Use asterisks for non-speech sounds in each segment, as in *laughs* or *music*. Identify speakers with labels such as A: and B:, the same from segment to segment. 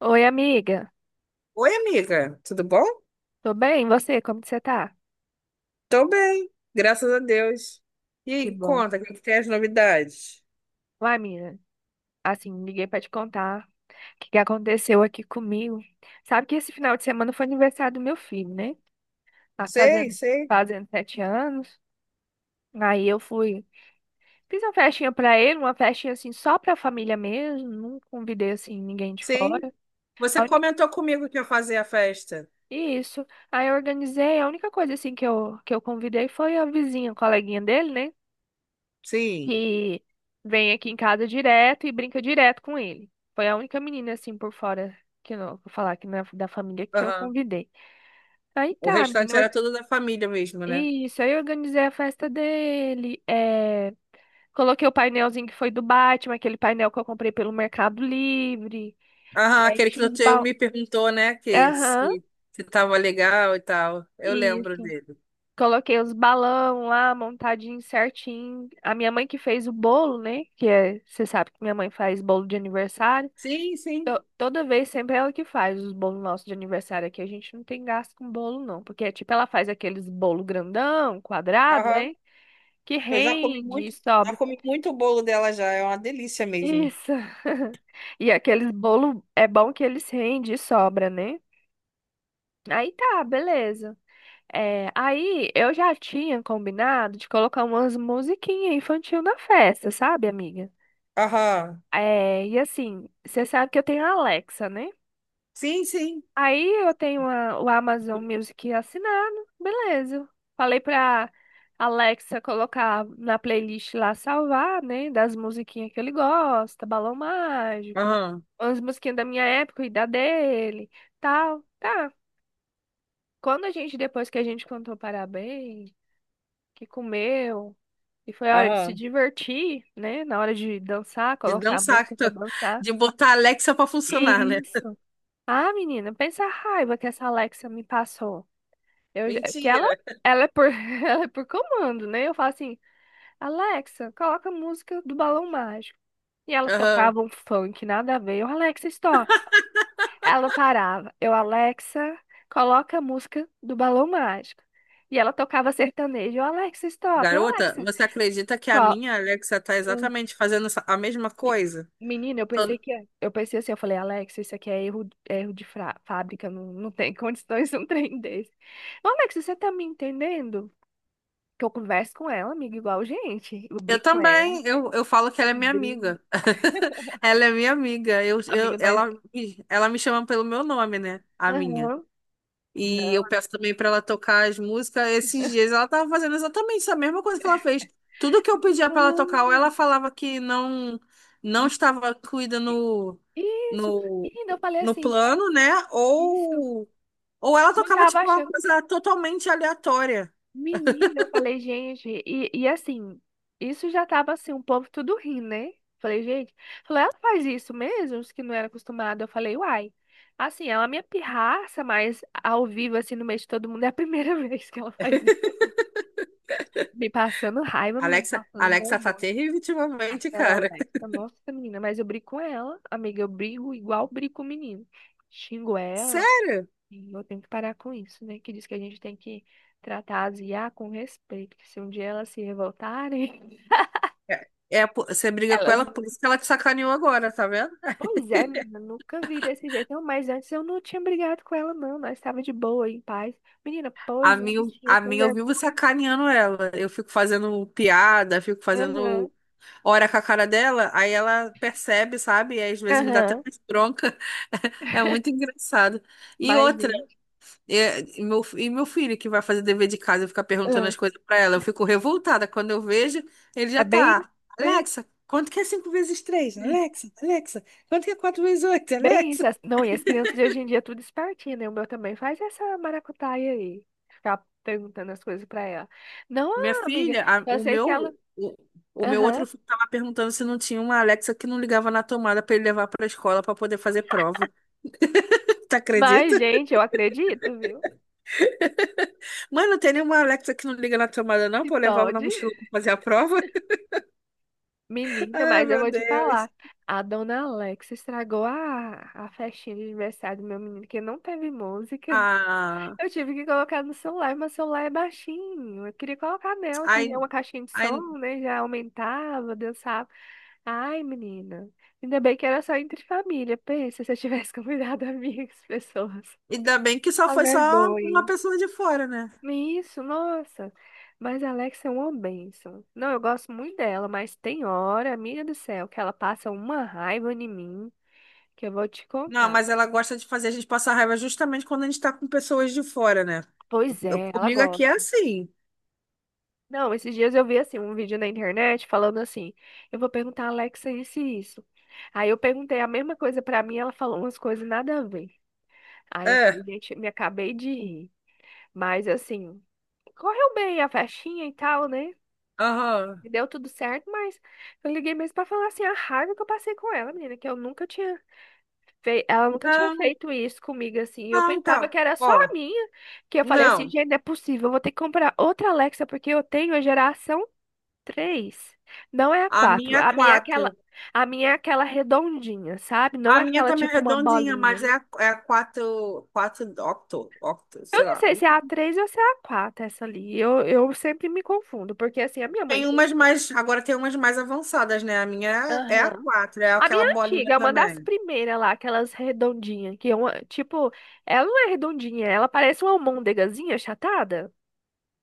A: Oi, amiga.
B: Oi, amiga, tudo bom?
A: Tô bem? E você? Como que você tá?
B: Tô bem, graças a Deus. E
A: Que
B: aí,
A: bom.
B: conta, o que que tem as novidades?
A: Uai, menina, assim, liguei pra te contar o que que aconteceu aqui comigo. Sabe que esse final de semana foi aniversário do meu filho, né? Tá
B: Sei,
A: fazendo,
B: sei,
A: fazendo 7 anos. Aí eu fui, fiz uma festinha pra ele, uma festinha assim só pra família mesmo. Não convidei assim ninguém de
B: sim.
A: fora.
B: Você
A: A uni-
B: comentou comigo que ia fazer a festa.
A: Isso. Aí eu organizei. A única coisa assim que eu convidei foi a vizinha, a coleguinha dele, né?
B: Sim.
A: Que vem aqui em casa direto e brinca direto com ele. Foi a única menina assim por fora que eu não vou falar da família que eu
B: Aham.
A: convidei. Aí
B: O
A: tá, menina.
B: restante era tudo da família mesmo, né?
A: Isso, aí eu organizei a festa dele. Coloquei o painelzinho que foi do Batman, aquele painel que eu comprei pelo Mercado Livre.
B: Aham, aquele que
A: Enchi os
B: você
A: balões.
B: me perguntou, né, que
A: Aham,
B: se tava legal e tal. Eu lembro
A: isso.
B: dele.
A: Coloquei os balão lá, montadinho certinho. A minha mãe que fez o bolo, né? Que é, você sabe que minha mãe faz bolo de aniversário.
B: Sim, sim.
A: Toda vez sempre é ela que faz os bolos nossos de aniversário aqui. A gente não tem gasto com bolo, não. Porque, tipo, ela faz aqueles bolo grandão, quadrado,
B: Aham.
A: né? Que
B: Eu
A: rende e
B: já
A: sobra.
B: comi muito bolo dela já, é uma delícia mesmo.
A: Isso. *laughs* E aqueles bolo é bom que eles rendem e sobra, né? Aí tá, beleza. Aí eu já tinha combinado de colocar umas musiquinhas infantil na festa, sabe, amiga?
B: Aham.
A: E assim, você sabe que eu tenho a Alexa, né?
B: Sim, sim.
A: Aí eu tenho o Amazon Music assinado, beleza. Falei pra Alexa colocar na playlist lá salvar, né? Das musiquinhas que ele gosta, Balão Mágico,
B: Aham.
A: umas musiquinhas da minha época e da dele, tal. Tá. Depois que a gente cantou parabéns, que comeu, e foi a hora de se
B: Aham.
A: divertir, né? Na hora de dançar,
B: De
A: colocar a
B: dançar,
A: música pra dançar.
B: de botar a Alexa pra funcionar, né?
A: Isso. Ah, menina, pensa a raiva que essa Alexa me passou. Eu, já- que ela,
B: Mentira.
A: ela é por, *laughs* Ela é por comando, né? Eu falo assim, Alexa, coloca a música do Balão Mágico. E ela
B: Aham.
A: tocava um funk, nada a ver. Eu, Alexa, stop. Ela parava. Eu, Alexa, coloca a música do Balão Mágico. E ela tocava sertanejo. Eu, Alexa, stop. Eu,
B: Garota,
A: Alexa,
B: você acredita que a
A: qual?
B: minha Alexa tá
A: Hum,
B: exatamente fazendo a mesma
A: me-
B: coisa?
A: Menina,
B: Todo-
A: eu pensei assim, eu falei, Alexa, isso aqui é erro de fábrica, não, não tem *laughs* condições de um trem desse. Ô, Alexa, você tá me entendendo? Que eu converso com ela, amiga, igual gente. Eu
B: Eu
A: brigo com ela,
B: também, eu falo que ela é
A: nós
B: minha
A: brigamos.
B: amiga. *laughs* Ela é minha amiga.
A: Amiga, nós.
B: Ela me chama pelo meu nome, né? A minha.
A: Aham.
B: E eu
A: Não.
B: peço também pra ela tocar as músicas. Esses dias ela tava fazendo exatamente essa mesma coisa que ela fez. Tudo que eu pedia pra ela
A: Não,
B: tocar, ou ela
A: amiga.
B: falava que não estava incluída
A: Isso.
B: no,
A: Menina, eu falei
B: no
A: assim,
B: plano, né?
A: isso.
B: Ou ela
A: Não
B: tocava
A: tava
B: tipo uma
A: achando.
B: coisa totalmente aleatória.
A: Menina, eu falei, gente, e assim, isso já tava assim, um povo tudo rindo, né? Falei, gente, falei, ela faz isso mesmo, os que não era acostumado. Eu falei, uai. Assim, ela é minha pirraça, mas ao vivo, assim, no meio de todo mundo, é a primeira *laughs* vez que ela faz isso. Me passando raiva, me
B: Alexa,
A: passando
B: Alexa tá
A: vergonha.
B: terrível ultimamente,
A: Aquela
B: cara. *laughs*
A: Alexa, nossa, menina, mas eu brigo com ela, amiga, eu brigo igual brigo com o menino. Xingo ela
B: Sério?
A: e eu tenho que parar com isso, né? Que diz que a gente tem que tratar as IA com respeito, que se um dia elas se revoltarem,
B: É, é, você
A: *laughs*
B: briga com
A: elas...
B: ela, por isso que ela te sacaneou agora, tá vendo?
A: Pois é, menina, nunca vi desse jeito. Não, mas antes eu não tinha brigado com ela, não. Nós estava de boa, em paz. Menina,
B: A
A: pois é,
B: mim,
A: bichinha
B: a
A: sem
B: mim eu vivo
A: vergonha.
B: sacaneando ela. Eu fico fazendo piada, fico
A: Aham,
B: fazendo hora com a cara dela, aí ela percebe, sabe? E às vezes me dá até
A: aham.
B: mais bronca. *laughs* É muito
A: *laughs*
B: engraçado. E
A: Mas,
B: outra,
A: gente,
B: e meu filho que vai fazer dever de casa e fica perguntando
A: ah,
B: as coisas pra ela, eu fico revoltada. Quando eu vejo, ele já
A: é bem,
B: tá.
A: né?
B: Alexa, quanto que é cinco vezes três? Alexa, Alexa, quanto que é quatro vezes oito?
A: Bem
B: Alexa.
A: isso. Não, e as crianças de hoje em dia é tudo espertinha, né? O meu também faz essa maracutaia aí. Ficar perguntando as coisas pra ela. Não,
B: Minha
A: amiga,
B: filha, a-
A: eu sei que ela...
B: o meu outro
A: Aham.
B: filho tava perguntando se não tinha uma Alexa que não ligava na tomada para ele levar para a escola para poder fazer prova. *laughs* Tu acredita?
A: Mas, gente, eu acredito, viu?
B: Mãe, não tem nenhuma Alexa que não liga na tomada não,
A: Se
B: para eu levar na
A: pode.
B: mochila para fazer a prova? *laughs*
A: Menina,
B: Ai,
A: mas eu
B: meu
A: vou te
B: Deus.
A: falar. A dona Alex estragou a festinha de aniversário do meu menino, que não teve música. *laughs*
B: Ah,
A: Eu tive que colocar no celular, mas o celular é baixinho. Eu queria colocar nela, que
B: ai,
A: já é uma caixinha de
B: ai,
A: som, né? Já aumentava, dançava. Ai, menina. Ainda bem que era só entre família. Pensa se eu tivesse *laughs* convidado amigas, pessoas.
B: ainda bem que só
A: A
B: foi só uma
A: vergonha.
B: pessoa de fora, né?
A: Isso, nossa. Mas a Alexa é uma bênção. Não, eu gosto muito dela, mas tem hora, amiga do céu, que ela passa uma raiva em mim que eu vou te
B: Não,
A: contar.
B: mas ela gosta de fazer a gente passar raiva justamente quando a gente tá com pessoas de fora, né?
A: Pois é, ela
B: Comigo aqui é
A: gosta.
B: assim.
A: Não, esses dias eu vi assim um vídeo na internet falando assim: eu vou perguntar a Alexa isso e isso. Aí eu perguntei a mesma coisa pra mim, ela falou umas coisas nada a ver. Aí eu
B: É.
A: falei, gente, me acabei de rir. Mas assim, correu bem a festinha e tal, né?
B: Aham.
A: E deu tudo certo, mas eu liguei mesmo pra falar assim a raiva que eu passei com ela, menina, que eu nunca tinha feito, ela nunca tinha
B: Não.
A: feito isso comigo assim. Eu
B: Não,
A: pensava
B: então,
A: que era só
B: ó,
A: a minha, que eu falei assim,
B: não.
A: gente, não é possível, eu vou ter que comprar outra Alexa porque eu tenho a geração 3, não é a
B: A
A: 4.
B: minha
A: A
B: é
A: minha é aquela,
B: quatro.
A: a minha é aquela redondinha, sabe? Não
B: A
A: é
B: minha
A: aquela
B: também é
A: tipo uma
B: redondinha, mas
A: bolinha.
B: é a quatro, quatro octo, octo,
A: Eu
B: sei
A: não
B: lá.
A: sei se é a 3 ou se é a 4 essa ali. Eu sempre me confundo, porque assim, a minha mãe.
B: Agora tem umas mais avançadas, né? A minha é a
A: Aham.
B: quatro, é
A: A
B: aquela
A: minha
B: bolinha
A: antiga, é uma das
B: também.
A: primeiras lá, aquelas redondinhas, que é uma, tipo, ela não é redondinha, ela parece uma almôndegazinha achatada.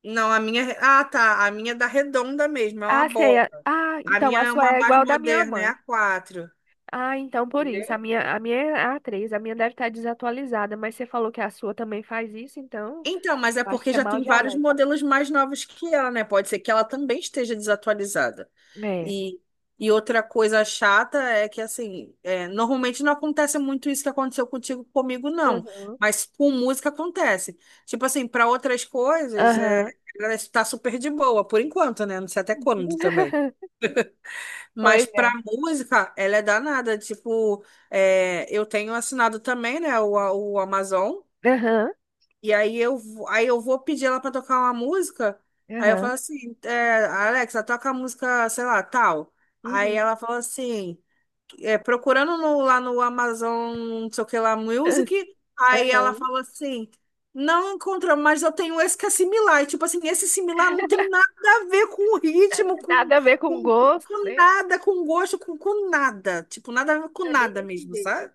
B: Não, a minha, ah, tá, a minha é da redonda mesmo, é uma
A: Ah, sei.
B: bola.
A: Ah,
B: A
A: então
B: minha
A: a
B: é
A: sua
B: uma
A: é
B: mais
A: igual da minha
B: moderna, é
A: mãe.
B: a quatro.
A: Ah, então por isso. A minha é a três, a minha deve estar desatualizada, mas você falou que a sua também faz isso, então
B: Então, mas é
A: eu acho
B: porque
A: que é
B: já
A: mal
B: tem
A: de
B: vários
A: Alexa.
B: modelos mais novos que ela, né? Pode ser que ela também esteja desatualizada.
A: É.
B: E, e outra coisa chata é que, assim, é, normalmente não acontece muito isso que aconteceu contigo comigo, não.
A: Aham.
B: Mas com música acontece. Tipo assim, para outras coisas, é,
A: Aham.
B: ela está super de boa, por enquanto, né? Não sei até quando também.
A: *laughs*
B: Mas
A: Pois
B: pra
A: é.
B: música, ela é danada. Tipo, é, eu tenho assinado também, né, o Amazon.
A: Aham.
B: E aí eu, aí eu vou pedir ela pra tocar uma música. Aí eu falo
A: Aham.
B: assim, é, Alexa, toca a música, sei lá, tal. Aí
A: Uhum.
B: ela fala assim, é, procurando no- lá no Amazon, não sei o que lá, Music.
A: *laughs*
B: Aí ela
A: Aham.
B: fala assim, não encontra, mas eu tenho esse que é similar. E, tipo assim, esse similar não tem nada a ver
A: Nada a ver com
B: com,
A: gosto,
B: com
A: né?
B: nada, com nada. Tipo, nada a ver com
A: É bem
B: nada
A: desse
B: mesmo,
A: jeito.
B: sabe?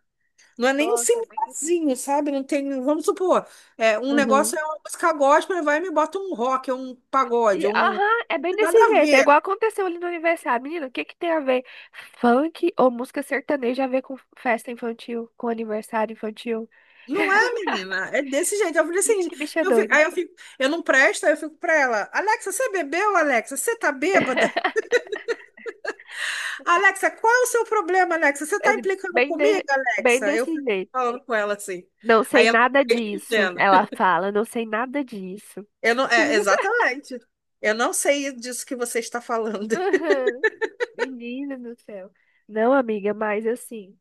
B: Não é nem um
A: Nossa, é bem difícil.
B: cemitério, sabe? Não tem, vamos supor, é, um
A: Aham.
B: negócio é uma música gospel, ele vai e me bota um rock, um pagode,
A: E,
B: um.
A: aham, é bem desse
B: Nada a
A: jeito. É igual
B: ver.
A: aconteceu ali no aniversário. Menina, o que que tem a ver funk ou música sertaneja a ver com festa infantil, com aniversário infantil?
B: Não é,
A: *laughs*
B: menina? É desse jeito.
A: Menina, que bicha doida.
B: Eu fico, eu não presto, aí eu fico pra ela, Alexa, você bebeu, Alexa? Você tá bêbada?
A: *laughs*
B: Alexa, qual é o seu problema, Alexa? Você
A: É
B: tá implicando
A: bem,
B: comigo,
A: bem
B: Alexa? Eu
A: desse
B: fico
A: jeito.
B: falando com ela assim.
A: Não sei
B: Aí ela
A: nada
B: fica
A: disso,
B: respondendo.
A: ela fala. Não sei nada disso.
B: Eu não, é,
A: *laughs*
B: exatamente. Eu não sei disso que você está falando. *laughs*
A: Aham, menina do céu. Não, amiga, mas assim,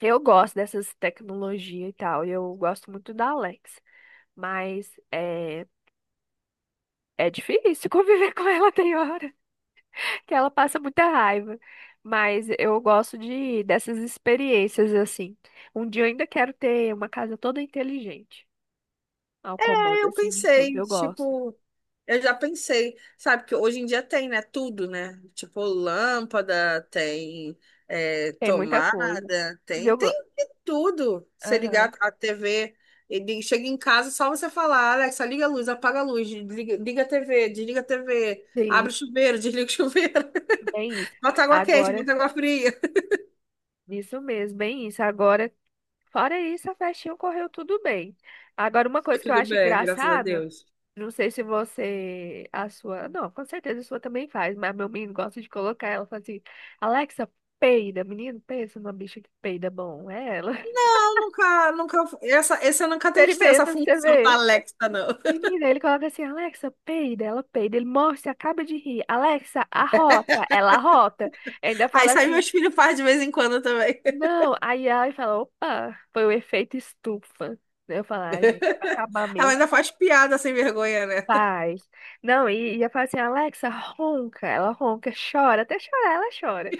A: eu gosto dessas tecnologias e tal. Eu gosto muito da Alexa. Mas é difícil *laughs* conviver com ela tem hora que ela passa muita raiva. Mas eu gosto de dessas experiências assim. Um dia eu ainda quero ter uma casa toda inteligente, ao comando
B: Eu
A: assim de tudo.
B: pensei,
A: Eu gosto.
B: tipo. Eu já pensei, sabe, que hoje em dia tem, né? Tudo, né? Tipo, lâmpada, tem é,
A: Tem muita coisa. E Eu,
B: tem
A: go-
B: de tudo. Você ligar
A: aham,
B: a TV, ele chega em casa, só você falar, Alexa, liga a luz, apaga a luz, liga a TV, desliga a TV,
A: sim,
B: abre o chuveiro, *laughs* desliga o chuveiro,
A: bem isso.
B: *laughs* bota água quente,
A: Agora,
B: bota água fria.
A: isso mesmo, bem isso. Agora, fora isso, a festinha correu tudo bem. Agora, uma coisa que eu
B: Tudo
A: acho
B: bem, graças a
A: engraçada.
B: Deus.
A: Não sei se você, a sua, não, com certeza a sua também faz, mas meu menino gosta de colocar ela, fala assim, Alexa, peida, menino, pensa numa bicha que peida bom, é ela. *laughs*
B: Eu nunca, nunca, essa eu nunca testei essa
A: Experimenta pra você
B: função da
A: ver.
B: Alexa, não. *laughs*
A: Menina, ele coloca assim, Alexa, peida, ela peida, ele morre, você acaba de rir, Alexa, arrota, ela arrota. Ainda
B: Aí
A: fala
B: sai
A: assim,
B: meus filhos faz de vez em quando também.
A: não, aí ela fala, opa, foi o efeito estufa. Eu falo, ah, gente, é pra acabar
B: *laughs* Ela
A: mesmo.
B: ainda faz piada sem vergonha, né? *laughs*
A: Faz. Não, e eu falo assim, Alexa, ronca, ela ronca, chora, até chorar, ela chora.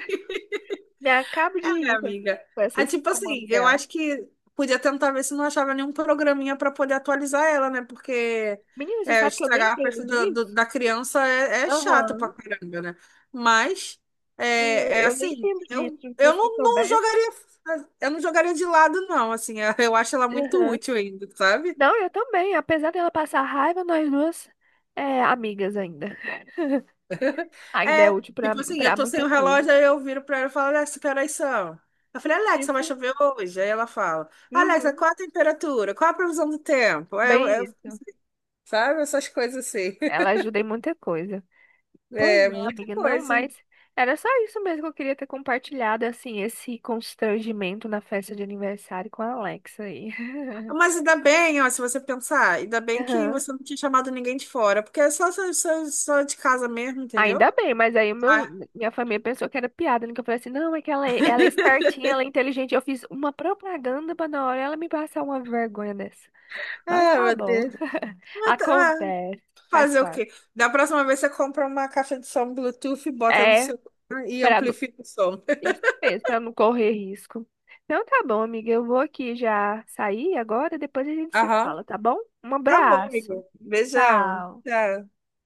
A: Me acabo de
B: É,
A: rir com
B: amiga.
A: com
B: Ah,
A: esses
B: tipo assim,
A: comandos
B: eu
A: dela.
B: acho que podia tentar ver se não achava nenhum programinha pra poder atualizar ela, né? Porque
A: Menina, você
B: é,
A: sabe que eu nem
B: estragar a
A: entendo
B: festa
A: disso?
B: da criança é, é chato pra
A: Aham.
B: caramba, né? Mas
A: Sim, Eu,
B: é, é
A: eu nem
B: assim,
A: entendo disso, porque
B: eu
A: se eu
B: não, não
A: soubesse.
B: jogaria, eu não jogaria de lado, não. Assim, eu acho ela muito
A: Aham.
B: útil ainda, sabe?
A: Não, eu também. Apesar dela passar raiva, nós duas é amigas ainda. *laughs* Ainda é
B: É,
A: útil pra,
B: tipo assim, eu
A: pra
B: tô sem
A: muita
B: o
A: coisa.
B: relógio, aí eu viro pra ela e falo, Alexa, que horas são? Eu falei, Alexa, vai
A: Isso.
B: chover hoje? Aí ela fala, Alexa,
A: Uhum.
B: qual a temperatura? Qual a previsão do tempo?
A: Bem isso.
B: Sabe, essas coisas assim.
A: Ela
B: *laughs*
A: ajuda em muita coisa. Pois
B: É,
A: não,
B: muita
A: amiga, não,
B: coisa.
A: mas era só isso mesmo que eu queria ter compartilhado, assim, esse constrangimento na festa de aniversário com a Alexa aí. *laughs*
B: Mas ainda bem, ó, se você pensar, ainda bem que
A: Aham.
B: você não tinha chamado ninguém de fora, porque é só só de casa mesmo, entendeu?
A: Ainda bem, mas aí
B: Ah,
A: minha família pensou que era piada, né? Que eu falei assim, não, é que ela é espertinha, ela é inteligente. Eu fiz uma propaganda pra na hora ela me passar uma vergonha dessa. Mas
B: ah,
A: tá
B: meu
A: bom.
B: Deus. Mas tá- ah,
A: Acontece, faz
B: fazer o
A: parte.
B: quê? Da próxima vez você compra uma caixa de som Bluetooth, bota no
A: É,
B: seu e
A: pra não,
B: amplifica o som.
A: isso mesmo, pra não correr risco. Então tá bom, amiga, eu vou aqui já sair agora, depois a gente se
B: Aham.
A: fala, tá bom? Um
B: Tá bom,
A: abraço.
B: amigo. Beijão.
A: Tchau.
B: Tchau.